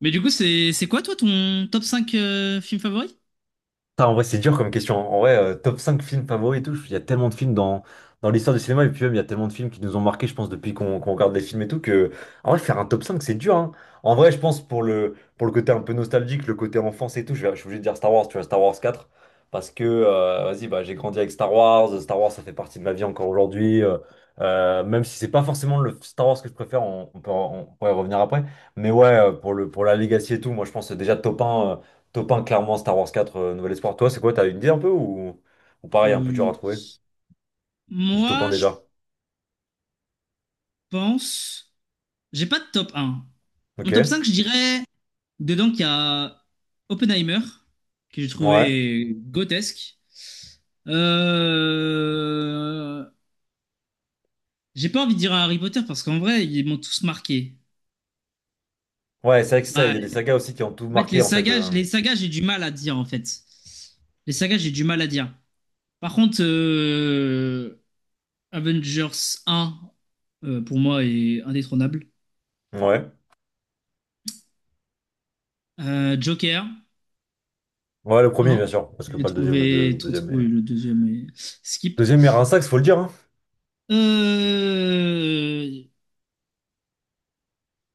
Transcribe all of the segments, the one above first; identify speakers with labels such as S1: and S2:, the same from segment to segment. S1: Mais du coup, c'est quoi toi ton top 5 film favori?
S2: Putain, en vrai, c'est dur comme question. En vrai, top 5 films favoris et tout, il y a tellement de films dans l'histoire du cinéma, et puis même, il y a tellement de films qui nous ont marqués, je pense, depuis qu'on regarde les films et tout, en vrai, faire un top 5, c'est dur, hein. En vrai, je pense, pour le côté un peu nostalgique, le côté enfance et tout, je suis obligé de dire Star Wars, tu vois, Star Wars quatre parce que, vas-y, bah, j'ai grandi avec Star Wars, Star Wars, ça fait partie de ma vie encore aujourd'hui, même si c'est pas forcément le Star Wars que je préfère, on peut, on pourrait y revenir après, mais ouais, pour la legacy et tout, moi, je pense déjà top un. Top 1, clairement, Star Wars quatre Nouvel Espoir. Toi, c'est quoi? T'as une idée un peu ou pareil, un peu dur à
S1: Oui.
S2: trouver? Du top 1
S1: Moi, je
S2: déjà.
S1: pense. J'ai pas de top un. Mon top
S2: Ok.
S1: 5, je dirais. Dedans, qu'il y a Oppenheimer, que j'ai
S2: Ouais.
S1: trouvé grotesque. Euh... J'ai pas envie de dire un Harry Potter parce qu'en vrai, ils m'ont tous marqué.
S2: Ouais, c'est vrai que c'est ça, il
S1: Ouais.
S2: y a des sagas aussi qui ont tout
S1: En fait,
S2: marqué en fait.
S1: les sagas, j'ai du mal à dire en fait. Les sagas, j'ai du mal à dire. Par contre, Avengers 1, pour moi, est indétrônable.
S2: Ouais.
S1: Joker
S2: Ouais, le premier,
S1: 1,
S2: bien sûr. Parce que pas le deuxième, le le
S1: trop
S2: deuxième
S1: trouvé
S2: est.
S1: le deuxième et skip.
S2: Deuxième est un sax, faut le dire, hein.
S1: Euh,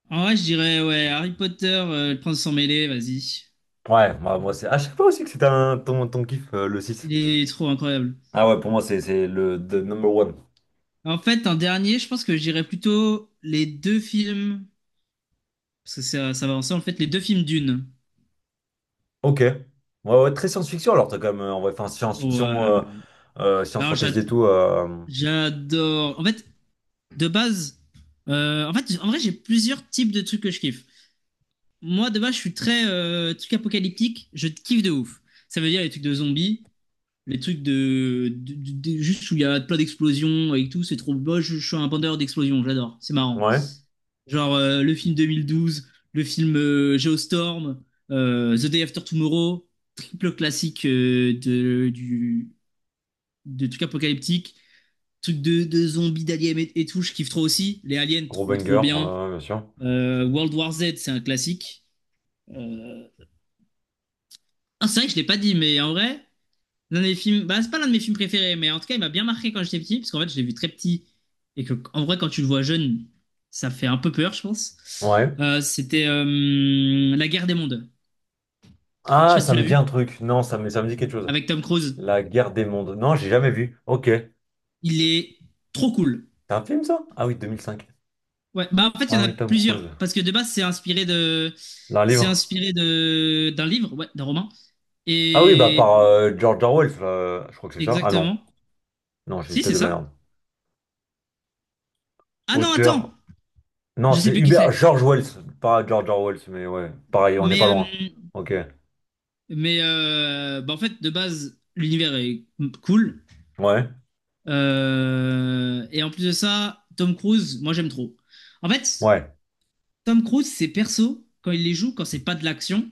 S1: En vrai, je dirais, ouais, Harry Potter, le prince sans mêlé, vas-y.
S2: Ouais, moi c'est. Ah, je sais pas aussi que c'était un... ton kiff, le six.
S1: Il est trop incroyable.
S2: Ah ouais, pour moi, c'est le the number one.
S1: En fait, un dernier, je pense que je dirais plutôt les deux films, parce que ça va ensemble, en fait, les deux films Dune.
S2: Ok. Ouais, ouais, très science-fiction alors, t'as quand même. En vrai, enfin,
S1: Oh,
S2: science-fiction,
S1: euh,
S2: science
S1: alors,
S2: fantasy et tout.
S1: j'adore. En fait, de base, en fait, en vrai, j'ai plusieurs types de trucs que je kiffe. Moi, de base, je suis très truc apocalyptique. Je kiffe de ouf. Ça veut dire les trucs de zombies, les trucs juste où il y a plein d'explosions et tout. C'est trop beau. Je suis un bandeur d'explosions. J'adore. C'est marrant.
S2: Ouais.
S1: Genre le film 2012, le film Geostorm, The Day After Tomorrow, triple classique de trucs apocalyptiques, trucs de zombies, d'aliens et tout, je kiffe trop aussi. Les aliens,
S2: Gros
S1: trop trop
S2: banger, ouais,
S1: bien.
S2: ouais, bien sûr.
S1: World War Z, c'est un classique. Euh, Ah, c'est vrai que je l'ai pas dit, mais en vrai, l'un des films, bah, c'est pas l'un de mes films préférés, mais en tout cas, il m'a bien marqué quand j'étais petit, parce qu'en fait, je l'ai vu très petit, et que, en vrai, quand tu le vois jeune, ça fait un peu peur, je pense.
S2: Ouais.
S1: C'était La Guerre des Mondes. Je sais
S2: Ah,
S1: pas si
S2: ça
S1: tu l'as
S2: me dit
S1: vu,
S2: un truc. Non, ça me dit quelque chose.
S1: avec Tom Cruise.
S2: La guerre des mondes. Non, j'ai jamais vu. Ok. C'est
S1: Il est trop cool.
S2: un film, ça? Ah oui, 2005.
S1: Ouais, bah, en fait, il y
S2: Ah
S1: en a
S2: oui, Tom Cruise.
S1: plusieurs, parce que de base,
S2: D'un
S1: c'est
S2: livre.
S1: inspiré de, d'un livre, ouais, d'un roman.
S2: Ah oui, bah
S1: Et,
S2: par George Orwell. Je crois que c'est ça. Ah non.
S1: exactement.
S2: Non, j'ai
S1: Si,
S2: peut-être
S1: c'est
S2: de la
S1: ça.
S2: merde.
S1: Ah non, attends,
S2: Auteur. Non,
S1: je sais
S2: c'est
S1: plus qui
S2: Hubert
S1: c'est.
S2: George Wells. Pas George Orwell, mais ouais. Pareil, on n'est
S1: Mais
S2: pas
S1: euh,
S2: loin. Ok.
S1: Mais bah, en fait, de base, l'univers est cool.
S2: Ouais.
S1: Et en plus de ça, Tom Cruise, moi j'aime trop. En fait,
S2: Ouais.
S1: Tom Cruise, ses persos, quand il les joue, quand c'est pas de l'action,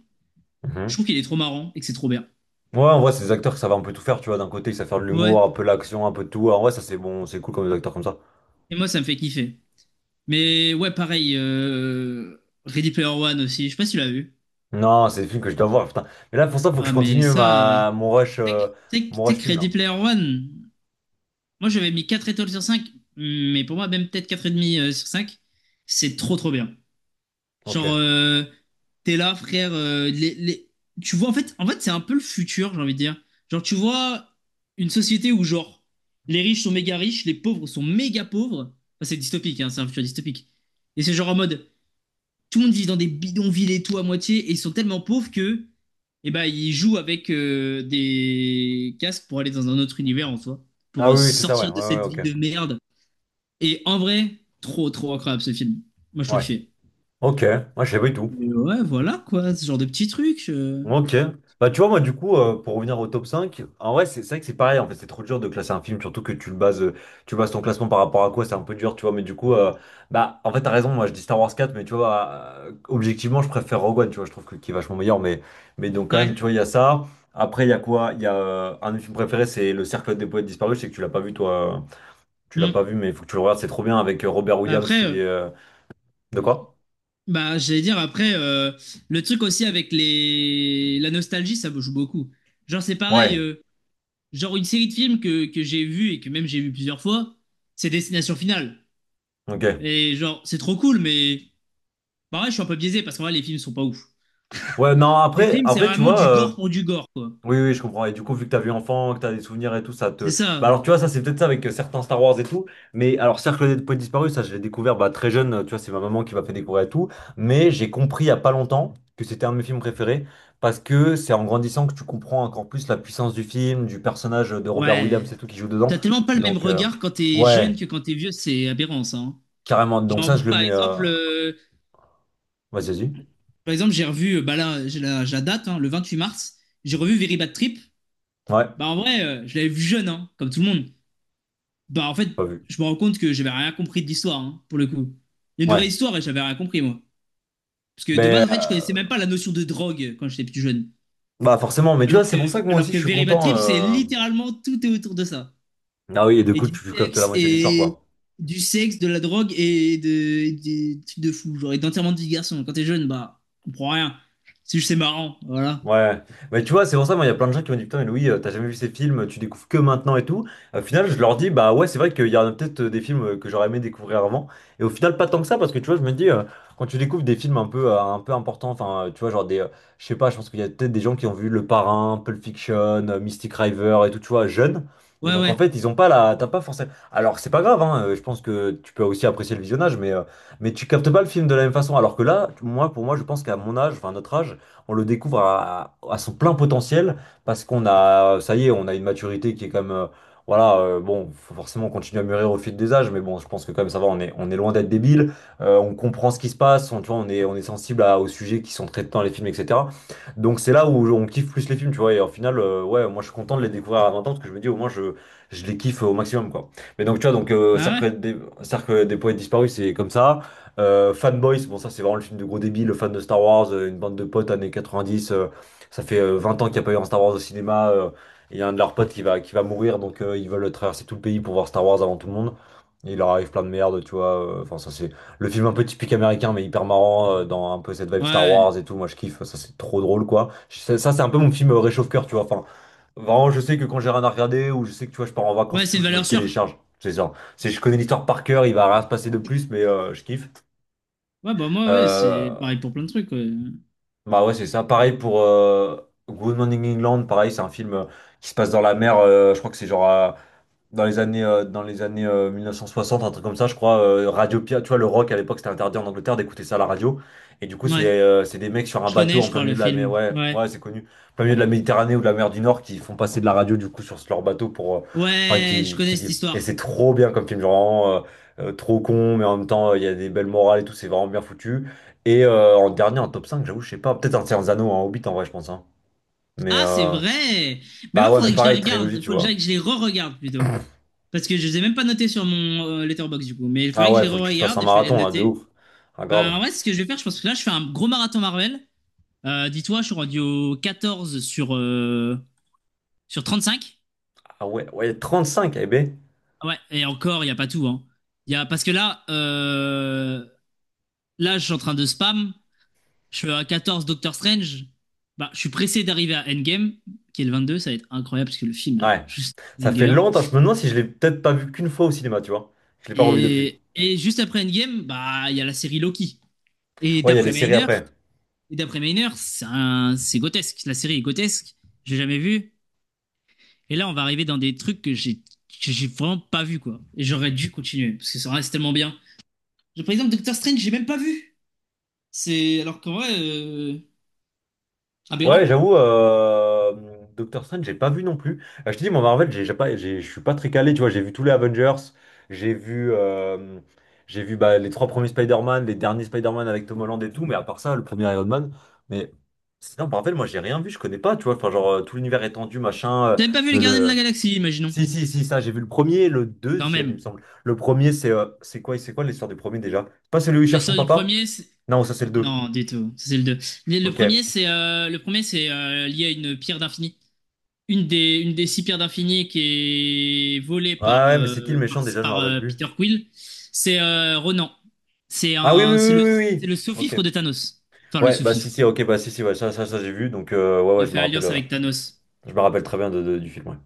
S1: je
S2: Mhm.
S1: trouve qu'il est trop marrant et que c'est trop bien.
S2: Ouais, en vrai, c'est des acteurs qui savent un peu tout faire, tu vois. D'un côté, ils savent faire de
S1: Ouais.
S2: l'humour, un peu l'action, un peu de tout. En vrai, ça, c'est bon, c'est cool comme des acteurs comme ça.
S1: Et moi, ça me fait kiffer. Mais ouais, pareil, Ready Player One aussi. Je sais pas si tu l'as vu.
S2: Non, c'est des films que je dois voir, putain. Mais là, pour ça, faut que je
S1: Ah, mais
S2: continue
S1: ça.
S2: ma...
S1: Tu sais que- tu sais que- Tu
S2: mon
S1: sais
S2: rush
S1: que
S2: film,
S1: Ready
S2: là.
S1: Player One, moi j'avais mis 4 étoiles sur 5 mais pour moi, même peut-être 4,5 sur 5 c'est trop trop bien.
S2: Ok.
S1: Genre, t'es là, frère. Tu vois, en fait, c'est un peu le futur, j'ai envie de dire. Genre, tu vois une société où, genre, les riches sont méga riches, les pauvres sont méga pauvres. Enfin, c'est dystopique, hein, c'est un futur dystopique. Et c'est genre en mode, tout le monde vit dans des bidonvilles et tout à moitié, et ils sont tellement pauvres que, eh ben, ils jouent avec des casques pour aller dans un autre univers en soi,
S2: Ah
S1: pour
S2: oui, oui, c'est ça, ouais.
S1: sortir
S2: Ouais,
S1: de
S2: ouais,
S1: cette vie
S2: ok.
S1: de merde. Et en vrai, trop, trop incroyable ce film. Moi, je trouve
S2: Ouais.
S1: qu'il fait.
S2: Ok. Moi, je sais pas du tout.
S1: Et ouais, voilà quoi, ce genre de petits trucs.
S2: Ok. Bah, tu vois, moi, du coup, pour revenir au top 5. En vrai, c'est vrai que c'est pareil. En fait, c'est trop dur de classer un film, surtout que tu le bases, tu bases ton classement par rapport à quoi, c'est un peu dur, tu vois. Mais du coup, bah, en fait, t'as raison. Moi, je dis Star Wars quatre mais tu vois, objectivement, je préfère Rogue One, tu vois. Je trouve que qui est vachement meilleur, mais donc, quand
S1: Ouais.
S2: même, tu vois, il y a ça. Après, il y a quoi? Il y a un de mes films préférés, c'est Le Cercle des poètes disparus. Je sais que tu l'as pas vu, toi. Tu l'as pas
S1: Mm.
S2: vu, mais il faut que tu le regardes. C'est trop bien avec Robert
S1: Bah
S2: Williams,
S1: après,
S2: il est. De quoi?
S1: bah j'allais dire après le truc aussi avec les la nostalgie, ça me joue beaucoup. Genre c'est pareil,
S2: Ouais.
S1: genre une série de films que j'ai vu et que même j'ai vu plusieurs fois, c'est Destination Finale.
S2: Ok.
S1: Et genre c'est trop cool, mais pareil, je suis un peu biaisé parce qu'en vrai les films sont pas ouf.
S2: Ouais, non,
S1: Les
S2: après,
S1: films c'est
S2: après, tu
S1: vraiment
S2: vois.
S1: du gore pour du gore quoi.
S2: Oui, oui, je comprends. Et du coup, vu que t'as vu enfant, que t'as des souvenirs et tout, ça
S1: C'est
S2: te. Bah
S1: ça.
S2: alors, tu vois, ça c'est peut-être ça avec certains Star Wars et tout. Mais alors, Cercle des Points Disparus, ça je l'ai découvert bah, très jeune. Tu vois, c'est ma maman qui m'a fait découvrir et tout. Mais j'ai compris il y a pas longtemps que c'était un de mes films préférés parce que c'est en grandissant que tu comprends encore plus la puissance du film, du personnage de Robert Williams
S1: Ouais.
S2: et tout qui joue dedans.
S1: T'as tellement pas le même
S2: Donc,
S1: regard quand t'es jeune
S2: ouais,
S1: que quand t'es vieux, c'est aberrant ça, hein.
S2: carrément. Donc
S1: Genre,
S2: ça,
S1: moi,
S2: je le
S1: par
S2: mets.
S1: exemple,
S2: Vas-y, vas-y.
S1: J'ai revu, bah là, j'ai la date, hein, le 28 mars, j'ai revu Very Bad Trip.
S2: Ouais,
S1: Bah en vrai, je l'avais vu jeune, hein, comme tout le monde. Bah en fait,
S2: pas vu.
S1: je me rends compte que j'avais rien compris de l'histoire, hein, pour le coup. Il y a une
S2: Ouais.
S1: vraie histoire et j'avais rien compris, moi. Parce que de base,
S2: Mais
S1: en fait, je connaissais même pas la notion de drogue quand j'étais plus jeune.
S2: bah forcément. Mais tu vois,
S1: Alors que,
S2: c'est pour ça que moi
S1: alors
S2: aussi,
S1: que
S2: je suis
S1: Very Bad
S2: content.
S1: Trip, c'est littéralement tout est autour de ça.
S2: Ah oui, et du coup, tu captes la moitié de l'histoire,
S1: Et
S2: quoi.
S1: du sexe, de la drogue et et des trucs de fou, genre, et d'enterrement de vie de garçon. Quand t'es jeune, bah, on comprend rien. C'est juste, c'est marrant, voilà.
S2: Ouais, mais tu vois, c'est pour ça, moi, il y a plein de gens qui m'ont dit, putain, mais Louis, t'as jamais vu ces films, tu découvres que maintenant et tout. Au final, je leur dis, bah ouais, c'est vrai qu'il y a peut-être des films que j'aurais aimé découvrir avant. Et au final, pas tant que ça, parce que tu vois, je me dis, quand tu découvres des films un peu importants, enfin, tu vois, je sais pas, je pense qu'il y a peut-être des gens qui ont vu Le Parrain, Pulp Fiction, Mystic River et tout, tu vois, jeunes. Et
S1: Ouais,
S2: donc,
S1: ouais.
S2: en fait, ils ont pas la, t'as pas forcément. Alors, c'est pas grave, hein, je pense que tu peux aussi apprécier le visionnage, mais tu captes pas le film de la même façon. Alors que là, moi, pour moi, je pense qu'à mon âge, enfin, à notre âge, on le découvre à son plein potentiel parce qu'on a, ça y est, on a une maturité qui est comme, voilà, bon, faut forcément continuer à mûrir au fil des âges, mais bon, je pense que quand même ça va, on est loin d'être débile, on comprend ce qui se passe, on, tu vois, on est sensible aux sujets qui sont traités dans les films, etc. Donc c'est là où on kiffe plus les films, tu vois, et au final, ouais, moi je suis content de les découvrir à 20 ans parce que je me dis au moins je les kiffe au maximum, quoi. Mais donc tu vois, donc euh,
S1: Bah ouais.
S2: Cercle des, Cercle des poètes disparus, c'est comme ça. Fanboys, bon ça c'est vraiment le film de gros débile, fan de Star Wars, une bande de potes années 90, ça fait 20 ans qu'il n'y a pas eu un Star Wars au cinéma, et il y a un de leurs potes qui va mourir, donc ils veulent traverser tout le pays pour voir Star Wars avant tout le monde. Et il leur arrive plein de merde, tu vois. Enfin, ça c'est le film un peu typique américain, mais hyper marrant, dans un peu cette vibe Star Wars
S1: Ouais.
S2: et tout. Moi, je kiffe, ça c'est trop drôle, quoi. Ça, c'est un peu mon film réchauffe-cœur, tu vois. Enfin, vraiment, je sais que quand j'ai rien à regarder ou je sais que tu vois, je pars en
S1: Ouais,
S2: vacances et
S1: c'est
S2: tout,
S1: une
S2: je me le
S1: valeur sûre.
S2: télécharge. C'est ça. C'est, je connais l'histoire par cœur, il va rien se passer de plus, mais je kiffe.
S1: Ouais, bah moi, ouais, c'est
S2: Euh,
S1: pareil pour plein de trucs. Ouais.
S2: Bah ouais, c'est ça. Pareil pour Good Morning England, pareil, c'est un film qui se passe dans la mer. Je crois que c'est genre dans les années 1960, un truc comme ça, je crois. Radio Pirate, tu vois, le rock à l'époque, c'était interdit en Angleterre d'écouter ça à la radio. Et du coup,
S1: Ouais.
S2: c'est des mecs sur un
S1: Je connais,
S2: bateau en
S1: je
S2: plein
S1: crois, le
S2: milieu de la mer.
S1: film.
S2: Ouais,
S1: Ouais.
S2: ouais, c'est connu. Plein milieu de la Méditerranée ou de la mer du Nord qui font passer de la radio du coup sur leur bateau pour. Enfin,
S1: Ouais, je connais
S2: qui
S1: cette
S2: dit. Et c'est
S1: histoire.
S2: trop bien comme film, genre, vraiment, trop con, mais en même temps, il y a des belles morales et tout, c'est vraiment bien foutu. Et en dernier, en top 5, j'avoue, je sais pas. Peut-être un Seigneur des Anneaux, un Hobbit en vrai, je pense, hein. Mais
S1: Ah, c'est vrai! Mais
S2: bah
S1: moi,
S2: ouais, mais
S1: faudrait que je la
S2: pareil, trilogie,
S1: regarde.
S2: tu
S1: Faut
S2: vois.
S1: que je les re-regarde plutôt. Parce que je les ai même pas notés sur mon Letterboxd du coup. Mais il
S2: Ah
S1: faudrait que je
S2: ouais,
S1: les
S2: faut que tu te fasses un
S1: re-regarde et je vais les
S2: marathon là, de
S1: noter.
S2: ouf. Ah grave.
S1: Bah ouais, c'est ce que je vais faire. Je pense que là, je fais un gros marathon Marvel. Dis-toi, je suis rendu au 14 sur 35.
S2: Ah ouais, ouais, 35, eh ben.
S1: Ouais, et encore, il n'y a pas tout, hein. Y a... Parce que là, je suis en train de spam. Je suis à 14, Doctor Strange. Bah, je suis pressé d'arriver à Endgame, qui est le 22. Ça va être incroyable parce que le film est
S2: Ouais.
S1: juste
S2: Ça fait
S1: banger.
S2: longtemps, je me demande si je l'ai peut-être pas vu qu'une fois au cinéma, tu vois. Je l'ai pas revu depuis.
S1: Et juste après Endgame, bah, il y a la série Loki. Et
S2: Ouais, il y a les
S1: d'après
S2: séries
S1: Maynard,
S2: après.
S1: et d'après Maynard, c'est c'est grotesque. La série est grotesque. J'ai jamais vu. Et là, on va arriver dans des trucs que j'ai vraiment pas vu quoi. Et j'aurais dû continuer parce que ça reste tellement bien. Par exemple, Doctor Strange, j'ai même pas vu. C'est alors qu'en vrai,
S2: Ouais,
S1: aberrant.
S2: j'avoue, Doctor Strange, j'ai pas vu non plus. Je te dis, moi, Marvel, j'ai pas, j'ai- je suis pas très calé, tu vois. J'ai vu tous les Avengers, j'ai vu, euh, j'ai vu bah, les trois premiers Spider-Man, les derniers Spider-Man avec Tom Holland et tout, mais à part ça, le premier Iron Man. Mais sinon, Marvel, moi, j'ai rien vu, je connais pas, tu vois. Enfin, genre, tout l'univers étendu, machin.
S1: T'as même pas vu
S2: Mais
S1: les Gardiens de la
S2: le,
S1: Galaxie, imaginons.
S2: Si, si, si, ça, j'ai vu le premier, le
S1: Quand
S2: deuxième, il me
S1: même.
S2: semble. Le premier, c'est c'est quoi l'histoire du premier déjà? C'est pas celui où il
S1: Le
S2: cherche son
S1: sort du
S2: papa?
S1: premier,
S2: Non, ça, c'est le deux.
S1: non, du tout. Ça, c'est le deux. Mais Le
S2: Ok. Ouais,
S1: premier, c'est euh, le premier, c'est euh, lié à une pierre d'infini. Une des six pierres d'infini qui est volée par,
S2: ouais, mais c'est qui le
S1: euh, par,
S2: méchant déjà, je me
S1: par,
S2: rappelle
S1: euh,
S2: plus.
S1: Peter Quill, c'est Ronan. C'est
S2: Ah oui, oui,
S1: un, c'est
S2: oui,
S1: le,
S2: oui, oui,
S1: c'est le
S2: oui. Ok.
S1: sous-fifre de Thanos. Enfin, le
S2: Ouais, bah si,
S1: sous-fifre.
S2: si, ok, bah si, si, ouais, ça, j'ai vu, donc ouais, ouais,
S1: Il a fait alliance avec Thanos.
S2: je me rappelle très bien du film, ouais.